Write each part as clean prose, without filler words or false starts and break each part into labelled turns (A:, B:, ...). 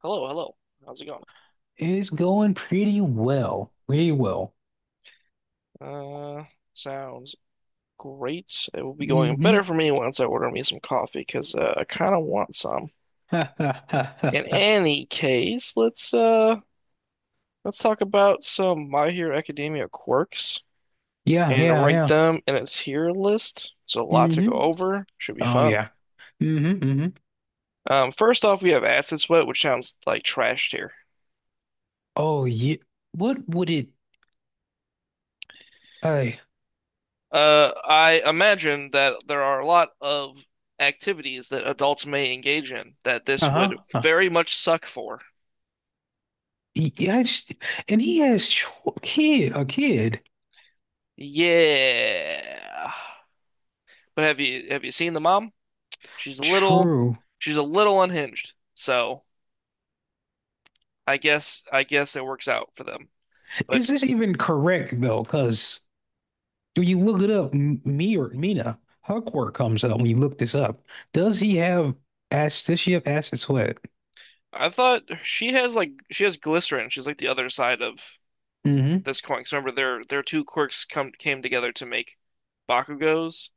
A: Hello, hello. How's it going?
B: It's going pretty well. Pretty well.
A: Uh, sounds great. It will be going better
B: Hmm.
A: for me once I order me some coffee because I kind of want some. In
B: Yeah,
A: any case, let's talk about some My Hero Academia quirks
B: yeah,
A: and rank
B: yeah.
A: them in its tier list. So a lot to go
B: Hmm.
A: over. Should be
B: Oh
A: fun.
B: yeah. Hmm. Hmm.
A: First off, we have Acid Sweat, which sounds like trash tier.
B: Oh yeah. What would it I
A: I imagine that there are a lot of activities that adults may engage in that this
B: Uh-huh.
A: would very much suck for.
B: Yes. And he has cho kid a kid.
A: Yeah. But have you seen the mom? She's a little
B: True.
A: she's a little unhinged. So I guess it works out for them.
B: Is
A: But
B: this even correct though? Because when you look it up, me or Mina Huckworth comes up when you look this up. Does he have does she have acid sweat?
A: I thought she has glycerin. She's like the other side of
B: Mm-hmm.
A: this coin. 'Cause remember their two quirks come came together to make Bakugos,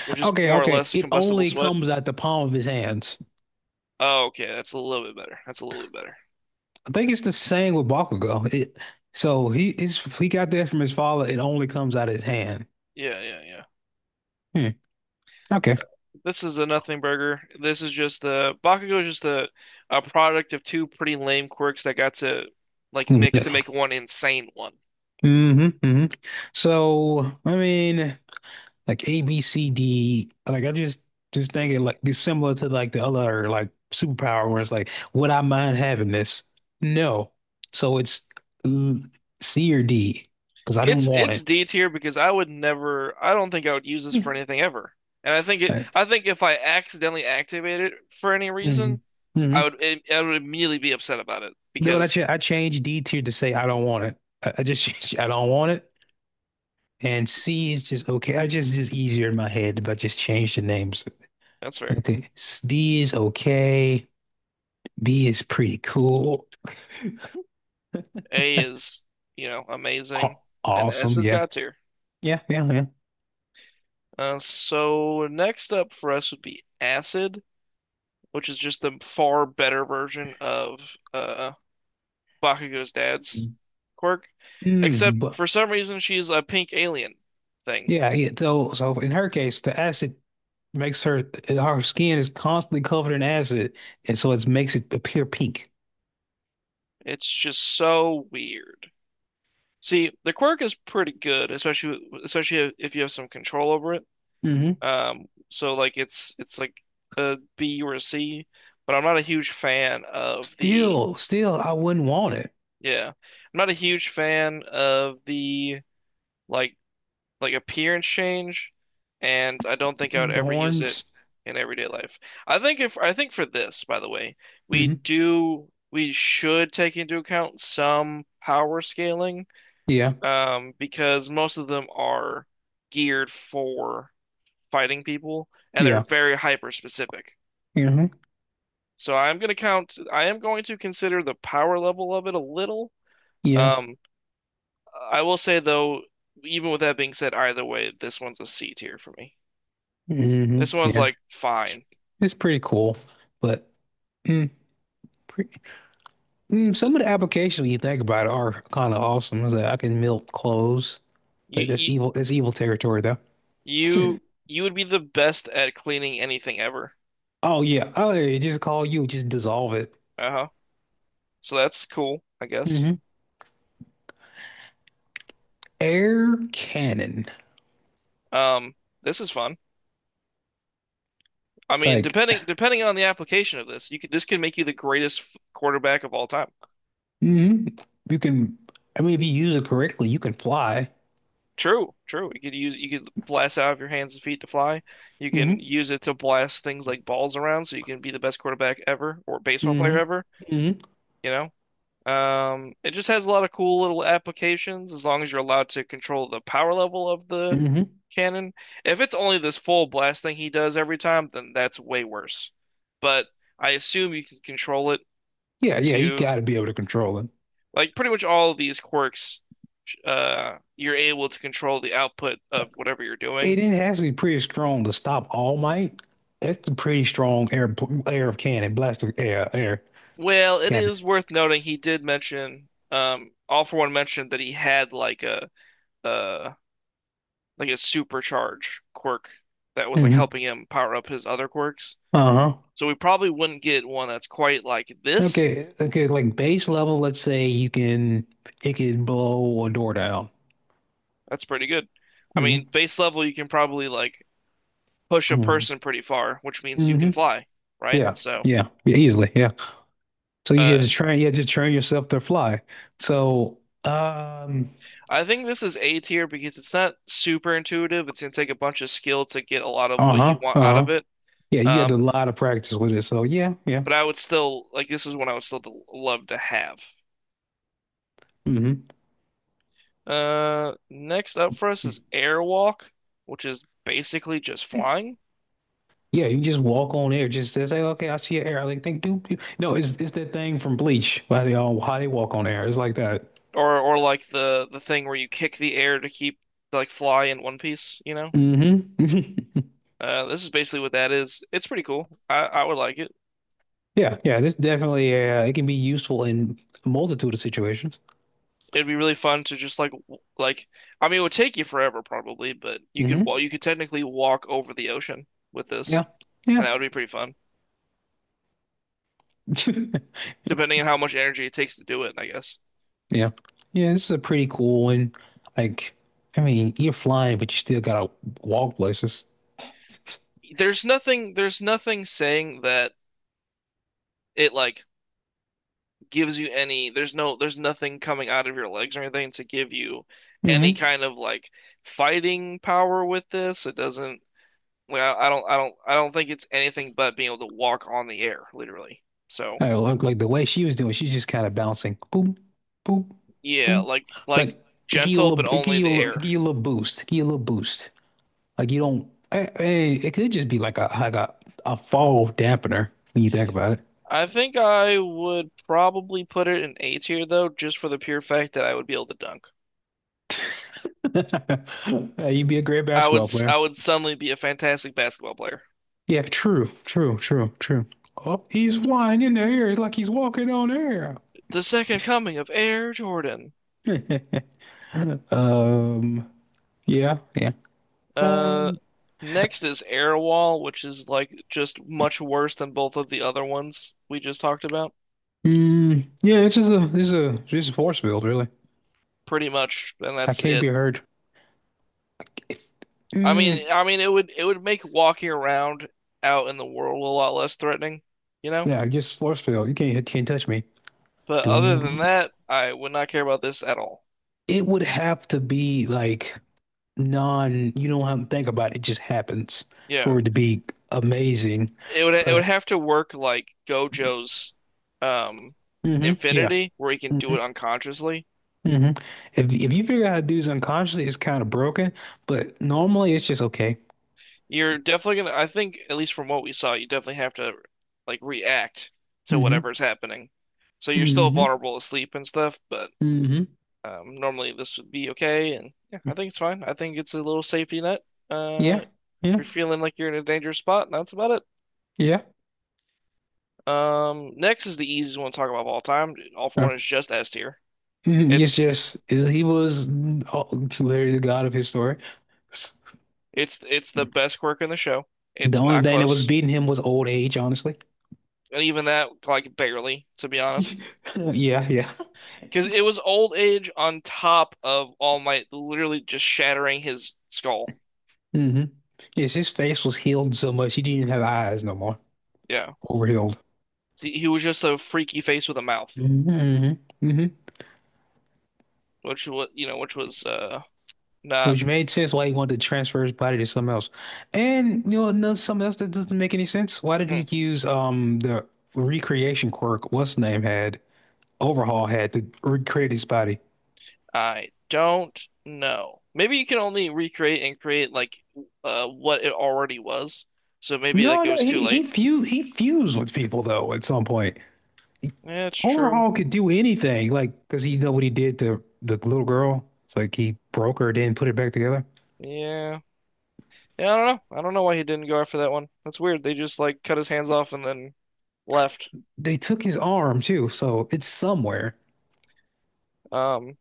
A: which is
B: Okay,
A: more or
B: okay.
A: less
B: It
A: combustible
B: only
A: sweat.
B: comes out the palm of his hands.
A: Oh, okay, that's a little bit better. That's a little bit better.
B: I think it's the same with Bakugo. So he got that from his father. It only comes out of his hand.
A: Yeah, yeah, yeah.
B: Hmm. Okay.
A: This is a nothing burger. This is just the Bakugo is just a product of two pretty lame quirks that got to like mix to make one insane one.
B: Mm-hmm. Hmm. So I mean, like A, B, C, D. Like I just thinking like it's similar to like the other like superpower where it's like, would I mind having this? No. So it's uh, C or D because I didn't
A: It's
B: want
A: it's
B: it.
A: D tier because I would never. I don't think I would use this for anything ever. And I think it. I think if I accidentally activate it for any
B: Mm-hmm.
A: reason, I
B: Mm-hmm.
A: would. I would immediately be upset about it
B: Then when
A: because
B: I changed D tier to say I don't want it. I just I don't want it. And C is just okay. I just easier in my head, but just change the names.
A: that's fair.
B: Okay. D is okay. B is pretty cool.
A: A is, you know, amazing,
B: Aw-
A: and S
B: Awesome.
A: is
B: Yeah.
A: God tier.
B: Yeah. Yeah. Yeah.
A: So next up for us would be Acid, which is just the far better version of Bakugo's dad's quirk,
B: Mm,
A: except
B: but
A: for some reason she's a pink alien thing.
B: yeah, yeah. So in her case, the acid makes her skin is constantly covered in acid, and so it makes it appear pink.
A: It's just so weird. See, the quirk is pretty good, especially if you have some control over it.
B: Hmm.
A: It's like a B or a C, but
B: Still, I wouldn't want it.
A: I'm not a huge fan of the like like appearance change, and I don't think I would
B: The
A: ever use it
B: horns.
A: in everyday life. I think if I think for this, by the way, we should take into account some power scaling,
B: Yeah,
A: because most of them are geared for fighting people, and they're
B: yeah,
A: very hyper specific.
B: hmm,
A: So I'm gonna count. I am going to consider the power level of it a little.
B: yeah,
A: Um, I will say though, even with that being said, either way, this one's a C tier for me.
B: hmm,
A: This one's
B: yeah.
A: like
B: It's
A: fine.
B: it's pretty cool, but mm, pre
A: It's the-
B: some of the applications you think about are kind of awesome. Is that I can melt clothes,
A: you
B: but that's
A: you
B: evil. That's evil territory, though.
A: you you would be the best at cleaning anything ever.
B: Oh yeah, oh yeah, just call you, just dissolve it.
A: Uh-huh. So that's cool, I guess.
B: Hmm. Air cannon,
A: Um, this is fun. I mean,
B: like,
A: depending on the application of this, you could this could make you the greatest quarterback of all time.
B: hmm you can. I mean, if you use it correctly, you can fly.
A: True, true. You could blast out of your hands and feet to fly. You can
B: Hmm.
A: use it to blast things like balls around, so you can be the best quarterback ever or baseball player
B: Hmm.
A: ever.
B: Hmm.
A: You know, it just has a lot of cool little applications as long as you're allowed to control the power level of the
B: Hmm.
A: cannon. If it's only this full blast thing he does every time, then that's way worse. But I assume you can control it
B: Yeah, yeah, you
A: to
B: got to be able to control it.
A: like pretty much all of these quirks. You're able to control the output of whatever you're
B: It
A: doing.
B: didn't have to be pretty strong to stop All Might. That's a pretty strong air of cannon, blast of air
A: Well, it
B: cannon.
A: is worth noting he did mention, All For One mentioned that he had a like a supercharge quirk that was like
B: Hmm.
A: helping him power up his other quirks.
B: Uh-huh.
A: So we probably wouldn't get one that's quite like this.
B: Okay, okay, like base level, let's say you can it can blow a door down.
A: That's pretty good. I mean,
B: Hmm.
A: base level you can probably like push a
B: Hmm.
A: person pretty far, which means you
B: Hmm.
A: can fly, right?
B: Yeah,
A: So
B: yeah, yeah, easily, yeah. So
A: uh,
B: you had to train yourself to fly. So, um,
A: I think this is A tier because it's not super intuitive. It's gonna take a bunch of skill to get a lot of what you
B: uh-huh,
A: want out
B: uh-huh.
A: of it.
B: Yeah, you got a
A: Um,
B: lot of practice with it. So yeah, yeah.
A: but I would still like this is one I would still love to have.
B: Hmm.
A: Next up for us is airwalk, which is basically just flying,
B: Yeah, you just walk on air. Just to say, okay, I see an air. I like think, do do." no, it's that thing from Bleach. Why they all How they walk on air. It's like that.
A: or like the thing where you kick the air to keep like fly in one piece, you know?
B: Hmm.
A: This is basically what that is. It's pretty cool. I would like it.
B: Yeah, yeah. This definitely it can be useful in a multitude of situations.
A: It'd be really fun to just like I mean it would take you forever probably, but
B: Hmm.
A: you could technically walk over the ocean with this,
B: Yeah,
A: and
B: yeah,
A: that would be pretty fun, depending on how much energy it takes to do it, I guess.
B: yeah, yeah. This is a pretty cool one. Like, I mean, you're flying, but you still gotta walk places.
A: There's nothing saying that it like gives you any there's no there's nothing coming out of your legs or anything to give you any
B: Hmm.
A: kind of like fighting power with this. It doesn't like I don't think it's anything but being able to walk on the air, literally. So
B: I look like the way she was doing, she's just kind of bouncing, boom, boom,
A: yeah,
B: boom. Like
A: like gentle but only the air.
B: it give you a little boost. Like you don't, it could just be like a fall dampener when you think about it.
A: I think I would probably put it in A tier though, just for the pure fact that I would be able to dunk.
B: You'd be a great basketball player.
A: I would suddenly be a fantastic basketball player.
B: Yeah, true, true, true, true. Oh, he's flying in the air like he's walking on air.
A: The second coming of Air Jordan.
B: Um, yeah, yeah.
A: Uh,
B: Um,
A: next is Airwall, which is like just much worse than both of the other ones we just talked about,
B: yeah, it's just a, it's a, it's a force field, really.
A: pretty much, and
B: I
A: that's
B: can't
A: it.
B: be hurt. Mm.
A: I mean, it would make walking around out in the world a lot less threatening, you know?
B: Yeah, just force field. You can't hit, can't touch me.
A: But other than that, I would not care about this at all.
B: It would have to be like non. You don't have to think about it. It just happens
A: Yeah,
B: for it to be amazing.
A: it would
B: But
A: have to work like Gojo's, um,
B: yeah.
A: Infinity, where he can do
B: Hmm.
A: it unconsciously.
B: Hmm. If you figure out how to do this unconsciously, it's kind of broken. But normally, it's just okay.
A: You're definitely gonna, I think, at least from what we saw, you definitely have to like react to
B: Hmm.
A: whatever's happening. So you're still
B: Hmm.
A: vulnerable to sleep and stuff, but
B: Hmm.
A: normally this would be okay. And yeah, I think it's fine. I think it's a little safety net.
B: Yeah.
A: If
B: Yeah.
A: you're feeling like you're in a dangerous spot, that's about it.
B: Yeah.
A: Next is the easiest one to talk about of all time. All for
B: Uh,
A: One is just S tier.
B: mhm. It's
A: It's
B: just he was, oh, clearly the god of his story.
A: it's the best quirk in the show.
B: The
A: It's
B: only
A: not
B: thing that was
A: close,
B: beating him was old age, honestly.
A: and even that like barely, to be honest.
B: Yeah, yeah.
A: Because it was old age on top of All Might literally just shattering his skull.
B: Hmm. Yes, his face was healed so much he didn't even have eyes no more.
A: Yeah.
B: Overhealed.
A: He was just a freaky face with a mouth,
B: Hmm. Hmm.
A: which was, you know, which was not
B: Which made sense why he wanted to transfer his body to something else. And no, something else that doesn't make any sense. Why didn't
A: hmm,
B: he use the recreation quirk? What's name had Overhaul had to recreate his body.
A: I don't know. Maybe you can only recreate and create like what it already was. So maybe like
B: No,
A: it
B: no,
A: was too
B: he he
A: late.
B: fu he fused with people though at some point.
A: Yeah, it's true.
B: Overhaul could do anything, like, does he know what he did to the little girl? It's like he broke her, then put it back together.
A: Yeah. Yeah, I don't know. I don't know why he didn't go after that one. That's weird. They just like cut his hands off and then left.
B: They took his arm too, so it's somewhere.
A: Um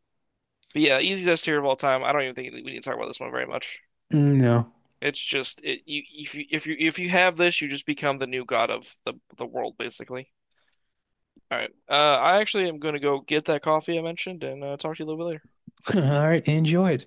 A: But yeah, easiest tier of all time. I don't even think we need to talk about this one very much.
B: Mm, no.
A: It's just it you if you if you if you have this, you just become the new god of the world, basically. All right. I actually am going to go get that coffee I mentioned and talk to you a little bit later.
B: All right, enjoy it.